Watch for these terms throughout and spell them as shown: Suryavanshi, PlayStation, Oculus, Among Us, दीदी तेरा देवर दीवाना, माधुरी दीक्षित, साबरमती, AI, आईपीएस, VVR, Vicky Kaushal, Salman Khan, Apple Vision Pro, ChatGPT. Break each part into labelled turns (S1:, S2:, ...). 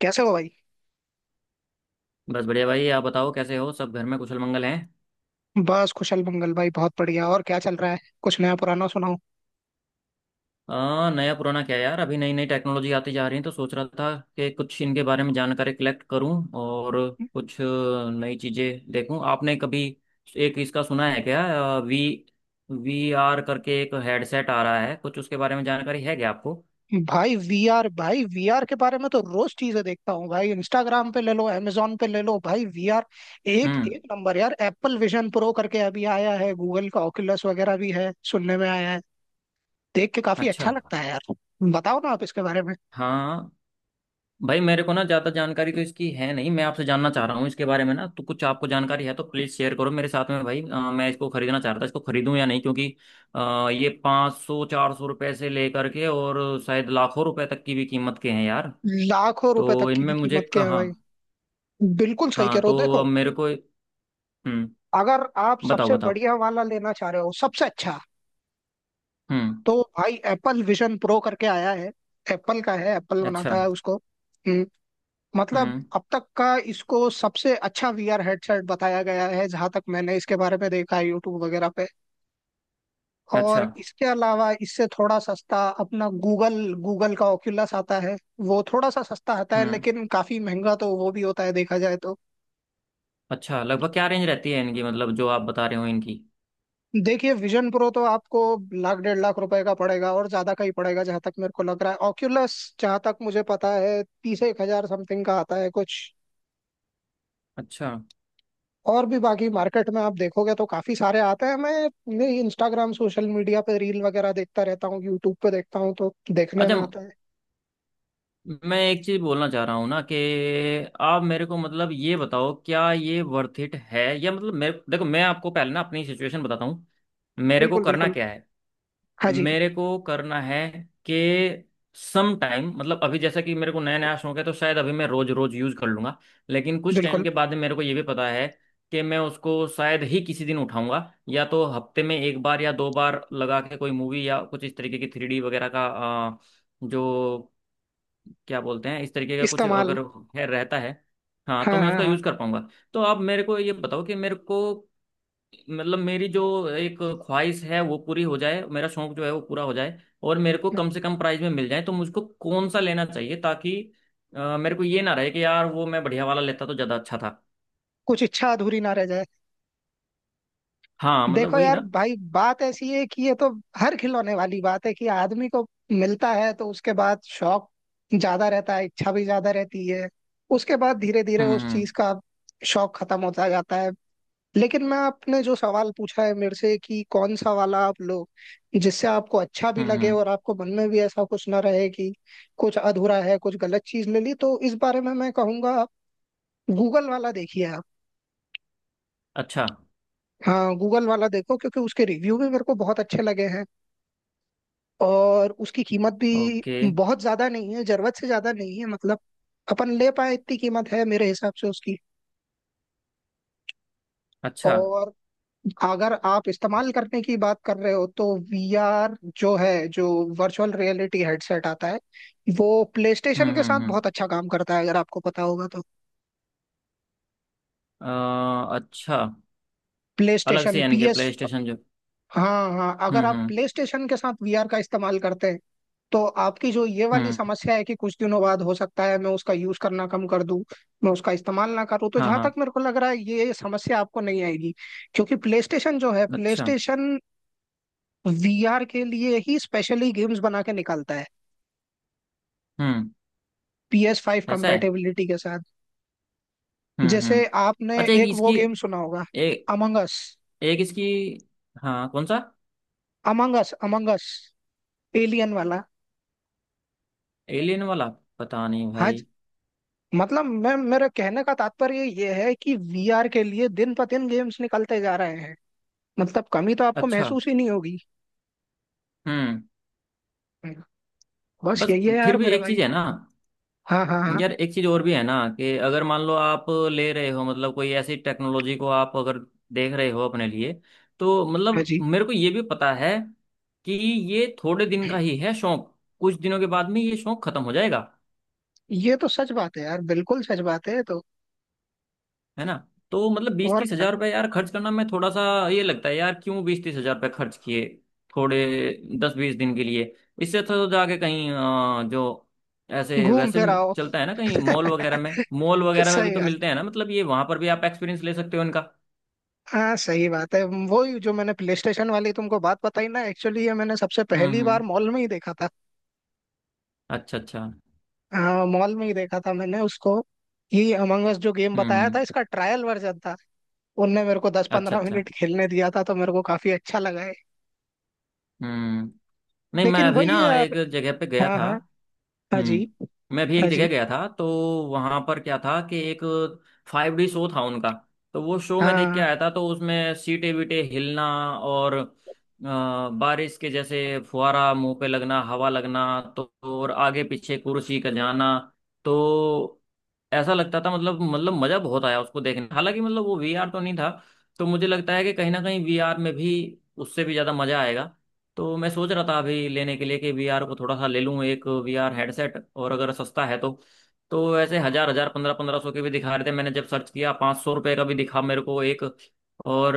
S1: कैसे हो भाई।
S2: बस बढ़िया भाई। आप बताओ कैसे हो, सब घर में कुशल मंगल हैं।
S1: बस कुशल मंगल भाई, बहुत बढ़िया। और क्या चल रहा है? कुछ नया पुराना सुनाओ।
S2: नया पुराना क्या यार, अभी नई नई टेक्नोलॉजी आती जा रही है तो सोच रहा था कि कुछ इनके बारे में जानकारी कलेक्ट करूं और कुछ नई चीज़ें देखूं। आपने कभी एक इसका सुना है क्या, वी वी आर करके एक हेडसेट आ रहा है, कुछ उसके बारे में जानकारी है क्या आपको?
S1: भाई, वीआर के बारे में तो रोज चीजें देखता हूँ भाई। इंस्टाग्राम पे ले लो, amazon पे ले लो भाई। वीआर एक
S2: हम्म।
S1: एक नंबर यार। एप्पल विजन प्रो करके अभी आया है। गूगल का ओculus वगैरह भी है, सुनने में आया है। देख के काफी अच्छा
S2: अच्छा।
S1: लगता है यार। बताओ ना आप इसके बारे में।
S2: हाँ भाई, मेरे को ना ज्यादा जानकारी तो इसकी है नहीं, मैं आपसे जानना चाह रहा हूँ इसके बारे में ना, तो कुछ आपको जानकारी है तो प्लीज शेयर करो मेरे साथ में भाई। मैं इसको खरीदना चाह रहा था, इसको खरीदूं या नहीं क्योंकि ये 500 400 रुपए से लेकर के और शायद लाखों रुपए तक की भी कीमत के हैं यार।
S1: लाखों रुपए तक
S2: तो
S1: की भी
S2: इनमें मुझे
S1: कीमत के
S2: कहाँ,
S1: है भाई?
S2: हाँ।
S1: बिल्कुल सही कह
S2: हाँ,
S1: रहे हो।
S2: तो अब
S1: देखो,
S2: मेरे को। हम्म।
S1: अगर आप
S2: बताओ
S1: सबसे
S2: बताओ।
S1: बढ़िया वाला लेना चाह रहे हो, सबसे अच्छा,
S2: हम्म।
S1: तो भाई एप्पल विजन प्रो करके आया है। एप्पल का है, एप्पल
S2: अच्छा।
S1: बनाता है उसको। मतलब
S2: हम्म।
S1: अब तक का इसको सबसे अच्छा वीआर हेडसेट बताया गया है, जहां तक मैंने इसके बारे में देखा है यूट्यूब वगैरह पे।
S2: अच्छा।
S1: और इसके अलावा इससे थोड़ा सस्ता अपना गूगल, गूगल का ओक्यूलस आता है। वो थोड़ा सा सस्ता आता है,
S2: हम्म।
S1: लेकिन काफी महंगा तो वो भी होता है देखा जाए तो।
S2: अच्छा, लगभग क्या रेंज रहती है इनकी, मतलब जो आप बता रहे हो इनकी?
S1: देखिए विजन प्रो तो आपको लाख 1.5 लाख रुपए का पड़ेगा, और ज्यादा का ही पड़ेगा जहां तक मेरे को लग रहा है। ऑक्यूलस जहां तक मुझे पता है 30 एक हजार समथिंग का आता है कुछ।
S2: अच्छा।
S1: और भी बाकी मार्केट में आप देखोगे तो काफी सारे आते हैं। मैं इंस्टाग्राम सोशल मीडिया पे रील वगैरह देखता रहता हूँ, यूट्यूब पे देखता हूँ, तो देखने
S2: अच्छा,
S1: में आता है।
S2: मैं एक चीज बोलना चाह रहा हूँ ना कि आप मेरे को मतलब ये बताओ क्या ये वर्थ इट है या मतलब। मेरे, देखो मैं आपको पहले ना अपनी सिचुएशन बताता हूँ, मेरे को
S1: बिल्कुल
S2: करना
S1: बिल्कुल।
S2: क्या है।
S1: हाँ जी,
S2: मेरे को करना है कि सम टाइम, मतलब अभी जैसा कि मेरे को नया नया शौक है तो शायद अभी मैं रोज रोज यूज कर लूंगा, लेकिन कुछ टाइम
S1: बिल्कुल।
S2: के बाद में मेरे को ये भी पता है कि मैं उसको शायद ही किसी दिन उठाऊंगा, या तो हफ्ते में एक बार या दो बार लगा के कोई मूवी या कुछ इस तरीके की 3D वगैरह का अ, जो क्या बोलते हैं इस तरीके का कुछ
S1: इस्तेमाल।
S2: अगर है रहता है, हाँ तो
S1: हाँ
S2: मैं
S1: हाँ
S2: उसका
S1: हाँ।
S2: यूज़ कर पाऊंगा। तो आप मेरे को ये बताओ कि मेरे को, मतलब मेरी जो एक ख्वाहिश है वो पूरी हो जाए, मेरा शौक जो है वो पूरा हो जाए और मेरे को कम से कम प्राइस में मिल जाए, तो मुझको कौन सा लेना चाहिए ताकि मेरे को ये ना रहे कि यार वो मैं बढ़िया वाला लेता तो ज़्यादा अच्छा था।
S1: कुछ इच्छा अधूरी ना रह जाए।
S2: हाँ मतलब
S1: देखो
S2: वही
S1: यार
S2: ना।
S1: भाई, बात ऐसी है कि ये तो हर खिलौने वाली बात है कि आदमी को मिलता है तो उसके बाद शौक ज्यादा रहता है, इच्छा भी ज्यादा रहती है। उसके बाद धीरे धीरे
S2: हम्म
S1: उस चीज
S2: हम्म
S1: का शौक खत्म होता जाता है। लेकिन मैं, आपने जो सवाल पूछा है मेरे से कि कौन सा वाला आप लो, जिससे आपको अच्छा भी
S2: हम्म
S1: लगे
S2: हम्म,
S1: और आपको मन में भी ऐसा कुछ ना रहे कि कुछ अधूरा है, कुछ गलत चीज ले ली, तो इस बारे में मैं कहूंगा आप गूगल वाला देखिए। आप,
S2: अच्छा।
S1: हाँ, गूगल वाला देखो, क्योंकि उसके रिव्यू भी मेरे को बहुत अच्छे लगे हैं और उसकी कीमत भी
S2: ओके।
S1: बहुत ज्यादा नहीं है, जरूरत से ज्यादा नहीं है, मतलब अपन ले पाए इतनी कीमत है मेरे हिसाब से उसकी।
S2: अच्छा।
S1: और अगर आप इस्तेमाल करने की बात कर रहे हो, तो वीआर जो है, जो वर्चुअल रियलिटी हेडसेट आता है, वो प्लेस्टेशन के साथ
S2: हम्म।
S1: बहुत अच्छा काम करता है, अगर आपको पता होगा तो।
S2: अच्छा। अलग से
S1: प्लेस्टेशन
S2: यानी कि
S1: पीएस।
S2: प्ले स्टेशन जो।
S1: हाँ हाँ,
S2: हम्म
S1: अगर आप
S2: हम्म
S1: प्ले स्टेशन के साथ वीआर का इस्तेमाल करते हैं तो आपकी जो ये वाली
S2: हम्म।
S1: समस्या है कि कुछ दिनों बाद हो सकता है मैं उसका यूज करना कम कर दूं, मैं उसका इस्तेमाल ना करूं, तो
S2: हाँ
S1: जहां तक
S2: हाँ।
S1: मेरे को लग रहा है ये समस्या आपको नहीं आएगी। क्योंकि प्ले
S2: अच्छा।
S1: स्टेशन वीआर के लिए ही स्पेशली गेम्स बना के निकालता है,
S2: हम्म।
S1: PS5
S2: ऐसा है।
S1: कंपेटेबिलिटी के साथ। जैसे
S2: हम्म।
S1: आपने
S2: अच्छा, एक
S1: एक वो
S2: इसकी,
S1: गेम सुना होगा,
S2: एक,
S1: अमंगस।
S2: एक इसकी, हाँ कौन सा?
S1: अमंगस अमंगस एलियन वाला।
S2: एलियन वाला? पता नहीं
S1: हाँ,
S2: भाई।
S1: मतलब मैं मेरा कहने का तात्पर्य ये है कि वीआर के लिए दिन ब दिन गेम्स निकलते जा रहे हैं, मतलब कमी तो आपको
S2: अच्छा।
S1: महसूस ही नहीं होगी।
S2: हम्म।
S1: बस
S2: बस।
S1: यही है यार
S2: फिर भी
S1: मेरे
S2: एक
S1: भाई।
S2: चीज है ना
S1: हाँ हाँ हाँ।
S2: यार, एक चीज और भी है ना कि अगर मान लो आप ले रहे हो, मतलब कोई ऐसी टेक्नोलॉजी को आप अगर देख रहे हो अपने लिए, तो
S1: हाँ
S2: मतलब
S1: जी।
S2: मेरे को ये भी पता है कि ये थोड़े दिन का ही है शौक, कुछ दिनों के बाद में ये शौक खत्म हो जाएगा,
S1: ये तो सच बात है यार, बिल्कुल सच बात है ये तो।
S2: है ना। तो मतलब बीस
S1: और
S2: तीस
S1: क्या?
S2: हजार रुपये यार खर्च करना मैं थोड़ा सा, ये लगता है यार क्यों 20-30 हजार रुपये खर्च किए थोड़े 10-20 दिन के लिए। इससे अच्छा तो जाके कहीं, जो ऐसे
S1: घूम
S2: वैसे
S1: फिर आओ।
S2: चलता है ना कहीं मॉल वगैरह में, मॉल वगैरह में भी
S1: सही
S2: तो
S1: बात।
S2: मिलते हैं ना, मतलब ये वहां पर भी आप एक्सपीरियंस ले सकते हो इनका।
S1: हाँ, सही बात है। वही, जो मैंने प्ले स्टेशन वाली तुमको बात बताई ना, एक्चुअली ये मैंने सबसे पहली बार
S2: हम्म।
S1: मॉल में ही देखा था।
S2: अच्छा अच्छा।
S1: हाँ, मॉल में ही देखा था मैंने उसको। ये अमंगस जो गेम बताया
S2: हम्म।
S1: था, इसका ट्रायल वर्जन था। उनने मेरे को दस
S2: अच्छा
S1: पंद्रह
S2: अच्छा।
S1: मिनट खेलने दिया था तो मेरे को काफी अच्छा लगा है।
S2: हम्म। नहीं मैं
S1: लेकिन
S2: अभी ना
S1: वही है
S2: एक
S1: यार।
S2: जगह पे गया
S1: हाँ
S2: था।
S1: हाँ। हाँ जी।
S2: हम्म, मैं भी
S1: हाँ
S2: एक जगह
S1: जी।
S2: गया था, तो वहां पर क्या था कि एक 5D शो था उनका, तो वो शो में देख के
S1: हाँ।
S2: आया था, तो उसमें सीटे वीटे हिलना और बारिश के जैसे फुहारा मुंह पे लगना, हवा लगना, तो और आगे पीछे कुर्सी का जाना, तो ऐसा लगता था, मतलब मजा बहुत आया उसको देखने, हालांकि मतलब वो VR तो नहीं था। तो मुझे लगता है कि कहीं ना कहीं VR में भी उससे भी ज्यादा मजा आएगा। तो मैं सोच रहा था अभी लेने के लिए कि VR को थोड़ा सा ले लूँ एक VR हेडसेट, और अगर सस्ता है तो वैसे हजार हजार 1500-1500 के भी दिखा रहे थे, मैंने जब सर्च किया, 500 रुपये का भी दिखा मेरे को एक। और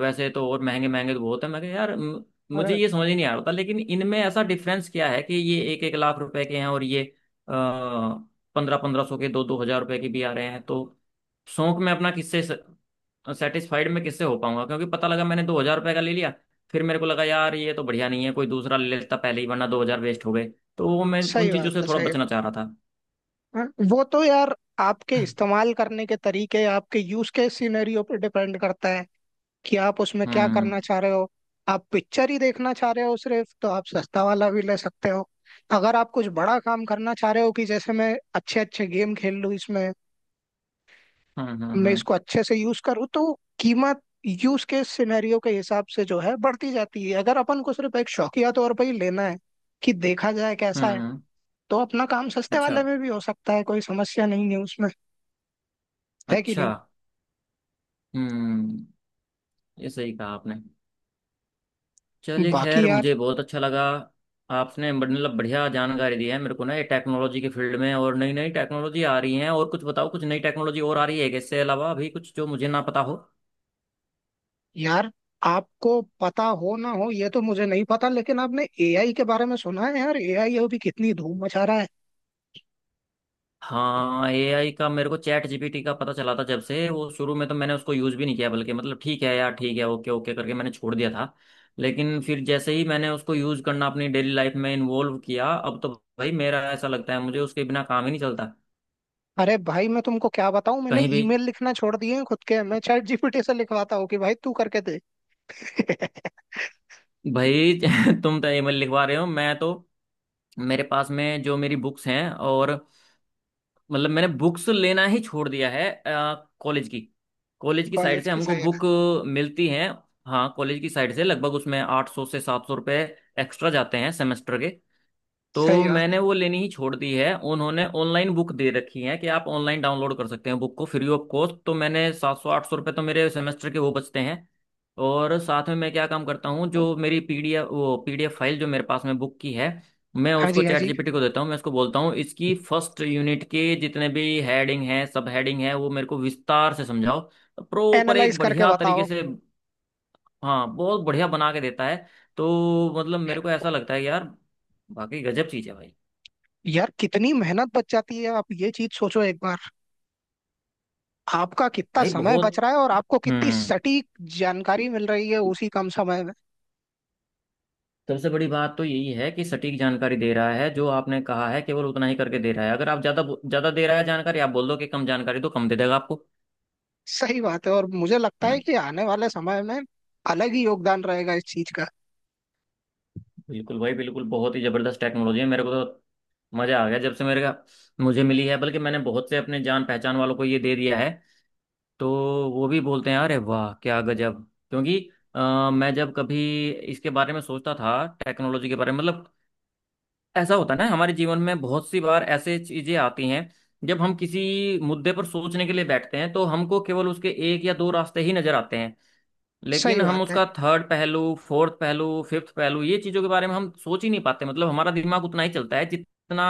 S2: वैसे तो और महंगे महंगे तो बहुत है, मैं कहा यार मुझे
S1: और
S2: ये समझ ही नहीं आ रहा था, लेकिन इनमें ऐसा डिफरेंस क्या है कि ये 1-1 लाख रुपए के हैं और ये 1500-1500 के, 2-2 हजार रुपए के भी आ रहे हैं। तो शौक में अपना किससे सेटिस्फाइड मैं किससे हो पाऊंगा, क्योंकि पता लगा मैंने 2000 रुपये का ले लिया, फिर मेरे को लगा यार ये तो बढ़िया नहीं है, कोई दूसरा ले लेता पहले ही वरना 2000 वेस्ट हो गए। तो वो मैं
S1: सही
S2: उन चीजों
S1: बात
S2: से
S1: है,
S2: थोड़ा
S1: सही।
S2: बचना चाह रहा था।
S1: हाँ, वो तो यार आपके इस्तेमाल करने के तरीके, आपके यूज के सिनेरियो पे डिपेंड करता है कि आप उसमें क्या करना
S2: हम्म
S1: चाह रहे हो। आप पिक्चर ही देखना चाह रहे हो सिर्फ, तो आप सस्ता वाला भी ले सकते हो। अगर आप कुछ बड़ा काम करना चाह रहे हो कि जैसे मैं अच्छे अच्छे गेम खेल लूँ इसमें,
S2: हम्म हम्म हम्म
S1: मैं
S2: हम्म,
S1: इसको अच्छे से यूज करूँ, तो कीमत यूज केस सिनेरियो के हिसाब से जो है बढ़ती जाती है। अगर अपन को सिर्फ एक शौकिया तौर पर ही लेना है कि देखा जाए कैसा है,
S2: हम्म,
S1: तो अपना काम सस्ते
S2: अच्छा।
S1: वाले में भी हो सकता है, कोई समस्या नहीं है उसमें। है कि
S2: अच्छा।
S1: नहीं?
S2: हम्म। ये सही कहा आपने। चलिए
S1: बाकी
S2: खैर,
S1: यार।
S2: मुझे बहुत अच्छा लगा, आपने मतलब बढ़िया जानकारी दी है मेरे को ना ये टेक्नोलॉजी के फील्ड में। और नई नई टेक्नोलॉजी आ रही है और कुछ बताओ, कुछ नई टेक्नोलॉजी और आ रही है क्या? इससे अलावा अभी कुछ जो मुझे ना पता हो।
S1: यार आपको पता हो ना हो ये तो मुझे नहीं पता, लेकिन आपने एआई के बारे में सुना है? यार एआई अभी कितनी धूम मचा रहा है।
S2: हाँ AI का, मेरे को ChatGPT का पता चला था, जब से वो शुरू में तो मैंने उसको यूज़ भी नहीं किया, बल्कि मतलब ठीक है यार ठीक है ओके ओके करके मैंने छोड़ दिया था। लेकिन फिर जैसे ही मैंने उसको यूज़ करना अपनी डेली लाइफ में इन्वॉल्व किया, अब तो भाई, मेरा ऐसा लगता है मुझे उसके बिना काम ही नहीं चलता
S1: अरे भाई मैं तुमको क्या बताऊं, मैंने
S2: कहीं भी।
S1: ईमेल लिखना छोड़ दिए हैं खुद के, मैं चैट जीपीटी से लिखवाता हूँ कि भाई तू करके दे।
S2: भाई तुम तो ईमेल लिखवा रहे हो, मैं तो, मेरे पास में जो मेरी बुक्स हैं और, मतलब मैंने बुक्स लेना ही छोड़ दिया है कॉलेज की। कॉलेज की साइड
S1: कॉलेज
S2: से
S1: की
S2: हमको
S1: सही।
S2: बुक मिलती हैं, हाँ कॉलेज की साइड से लगभग उसमें 800 से 700 रुपये एक्स्ट्रा जाते हैं सेमेस्टर के। तो
S1: सही
S2: मैंने
S1: बात।
S2: वो लेनी ही छोड़ दी है, उन्होंने ऑनलाइन बुक दे रखी है कि आप ऑनलाइन डाउनलोड कर सकते हैं बुक को फ्री ऑफ कॉस्ट, तो मैंने 700 800 रुपये तो मेरे सेमेस्टर के वो बचते हैं। और साथ में मैं क्या काम करता हूँ, जो मेरी PDF, वो PDF फाइल जो मेरे पास में बुक की है, मैं
S1: हाँ
S2: उसको
S1: जी हाँ जी।
S2: ChatGPT को देता हूँ, मैं उसको बोलता हूँ इसकी फर्स्ट यूनिट के जितने भी हेडिंग है सब हेडिंग है वो मेरे को विस्तार से समझाओ, प्रॉपर
S1: एनालाइज
S2: एक
S1: करके
S2: बढ़िया तरीके
S1: बताओ।
S2: से। हाँ बहुत बढ़िया बना के देता है। तो मतलब मेरे को ऐसा लगता है यार, बाकी गजब चीज़ है भाई।
S1: यार कितनी मेहनत बच जाती है, आप ये चीज सोचो एक बार। आपका कितना
S2: भाई
S1: समय बच
S2: बहुत।
S1: रहा है और आपको कितनी
S2: हम्म।
S1: सटीक जानकारी मिल रही है उसी कम समय में।
S2: सबसे बड़ी बात तो यही है कि सटीक जानकारी दे रहा है, जो आपने कहा है केवल उतना ही करके दे रहा है, अगर आप ज्यादा ज्यादा दे रहा है जानकारी, आप बोल दो कि कम जानकारी तो कम दे देगा आपको,
S1: सही बात है, और मुझे लगता
S2: है
S1: है
S2: ना।
S1: कि आने वाले समय में अलग ही योगदान रहेगा इस चीज का।
S2: बिल्कुल भाई बिल्कुल, बहुत ही जबरदस्त टेक्नोलॉजी है, मेरे को तो मजा आ गया जब से मेरे का मुझे मिली है, बल्कि मैंने बहुत से अपने जान पहचान वालों को ये दे दिया है, तो वो भी बोलते हैं अरे वाह क्या गजब। क्योंकि मैं जब कभी इसके बारे में सोचता था, टेक्नोलॉजी के बारे में, मतलब ऐसा होता है ना हमारे जीवन में बहुत सी बार ऐसे चीजें आती हैं, जब हम किसी मुद्दे पर सोचने के लिए बैठते हैं तो हमको केवल उसके एक या दो रास्ते ही नजर आते हैं।
S1: सही
S2: लेकिन हम
S1: बात है।
S2: उसका थर्ड पहलू, फोर्थ पहलू, फिफ्थ पहलू, ये चीजों के बारे में हम सोच ही नहीं पाते, मतलब हमारा दिमाग उतना ही चलता है जितना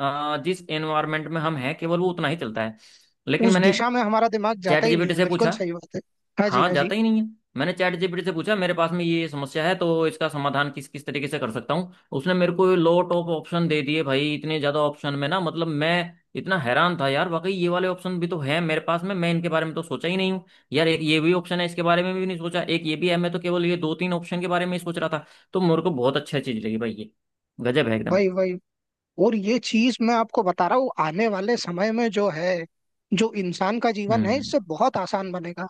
S2: जिस एनवायरमेंट में हम हैं, केवल वो उतना ही चलता है। लेकिन
S1: उस
S2: मैंने
S1: दिशा में हमारा दिमाग जाता ही
S2: चैट
S1: नहीं
S2: जीपीटी
S1: है,
S2: से
S1: बिल्कुल
S2: पूछा।
S1: सही बात है। हाँ जी
S2: हाँ
S1: हाँ जी।
S2: जाता ही नहीं है। मैंने चैट जीपीटी से पूछा मेरे पास में ये समस्या है तो इसका समाधान किस किस तरीके से कर सकता हूँ, उसने मेरे को लो टॉप ऑप्शन दे दिए भाई, इतने ज्यादा ऑप्शन में ना, मतलब मैं इतना हैरान था यार वाकई ये वाले ऑप्शन भी तो है मेरे पास में, मैं इनके बारे में तो सोचा ही नहीं हूँ। यार एक ये भी ऑप्शन है, इसके बारे में भी नहीं सोचा, एक ये भी है, मैं तो केवल ये दो तीन ऑप्शन के बारे में ही सोच रहा था। तो मेरे को बहुत अच्छा चीज लगी भाई ये, गजब है एकदम।
S1: वही वही। और ये चीज मैं आपको बता रहा हूँ, आने वाले समय में जो है, जो इंसान का जीवन है
S2: हम्म।
S1: इससे बहुत आसान बनेगा।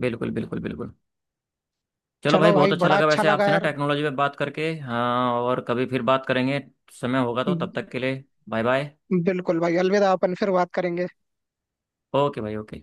S2: बिल्कुल बिल्कुल बिल्कुल। चलो
S1: चलो
S2: भाई बहुत
S1: भाई,
S2: अच्छा
S1: बड़ा
S2: लगा
S1: अच्छा
S2: वैसे
S1: लगा
S2: आपसे ना
S1: यार।
S2: टेक्नोलॉजी पे बात करके, हाँ और कभी फिर बात करेंगे, समय होगा तो। तब तक के लिए बाय बाय।
S1: बिल्कुल भाई, अलविदा। अपन फिर बात करेंगे।
S2: ओके भाई ओके।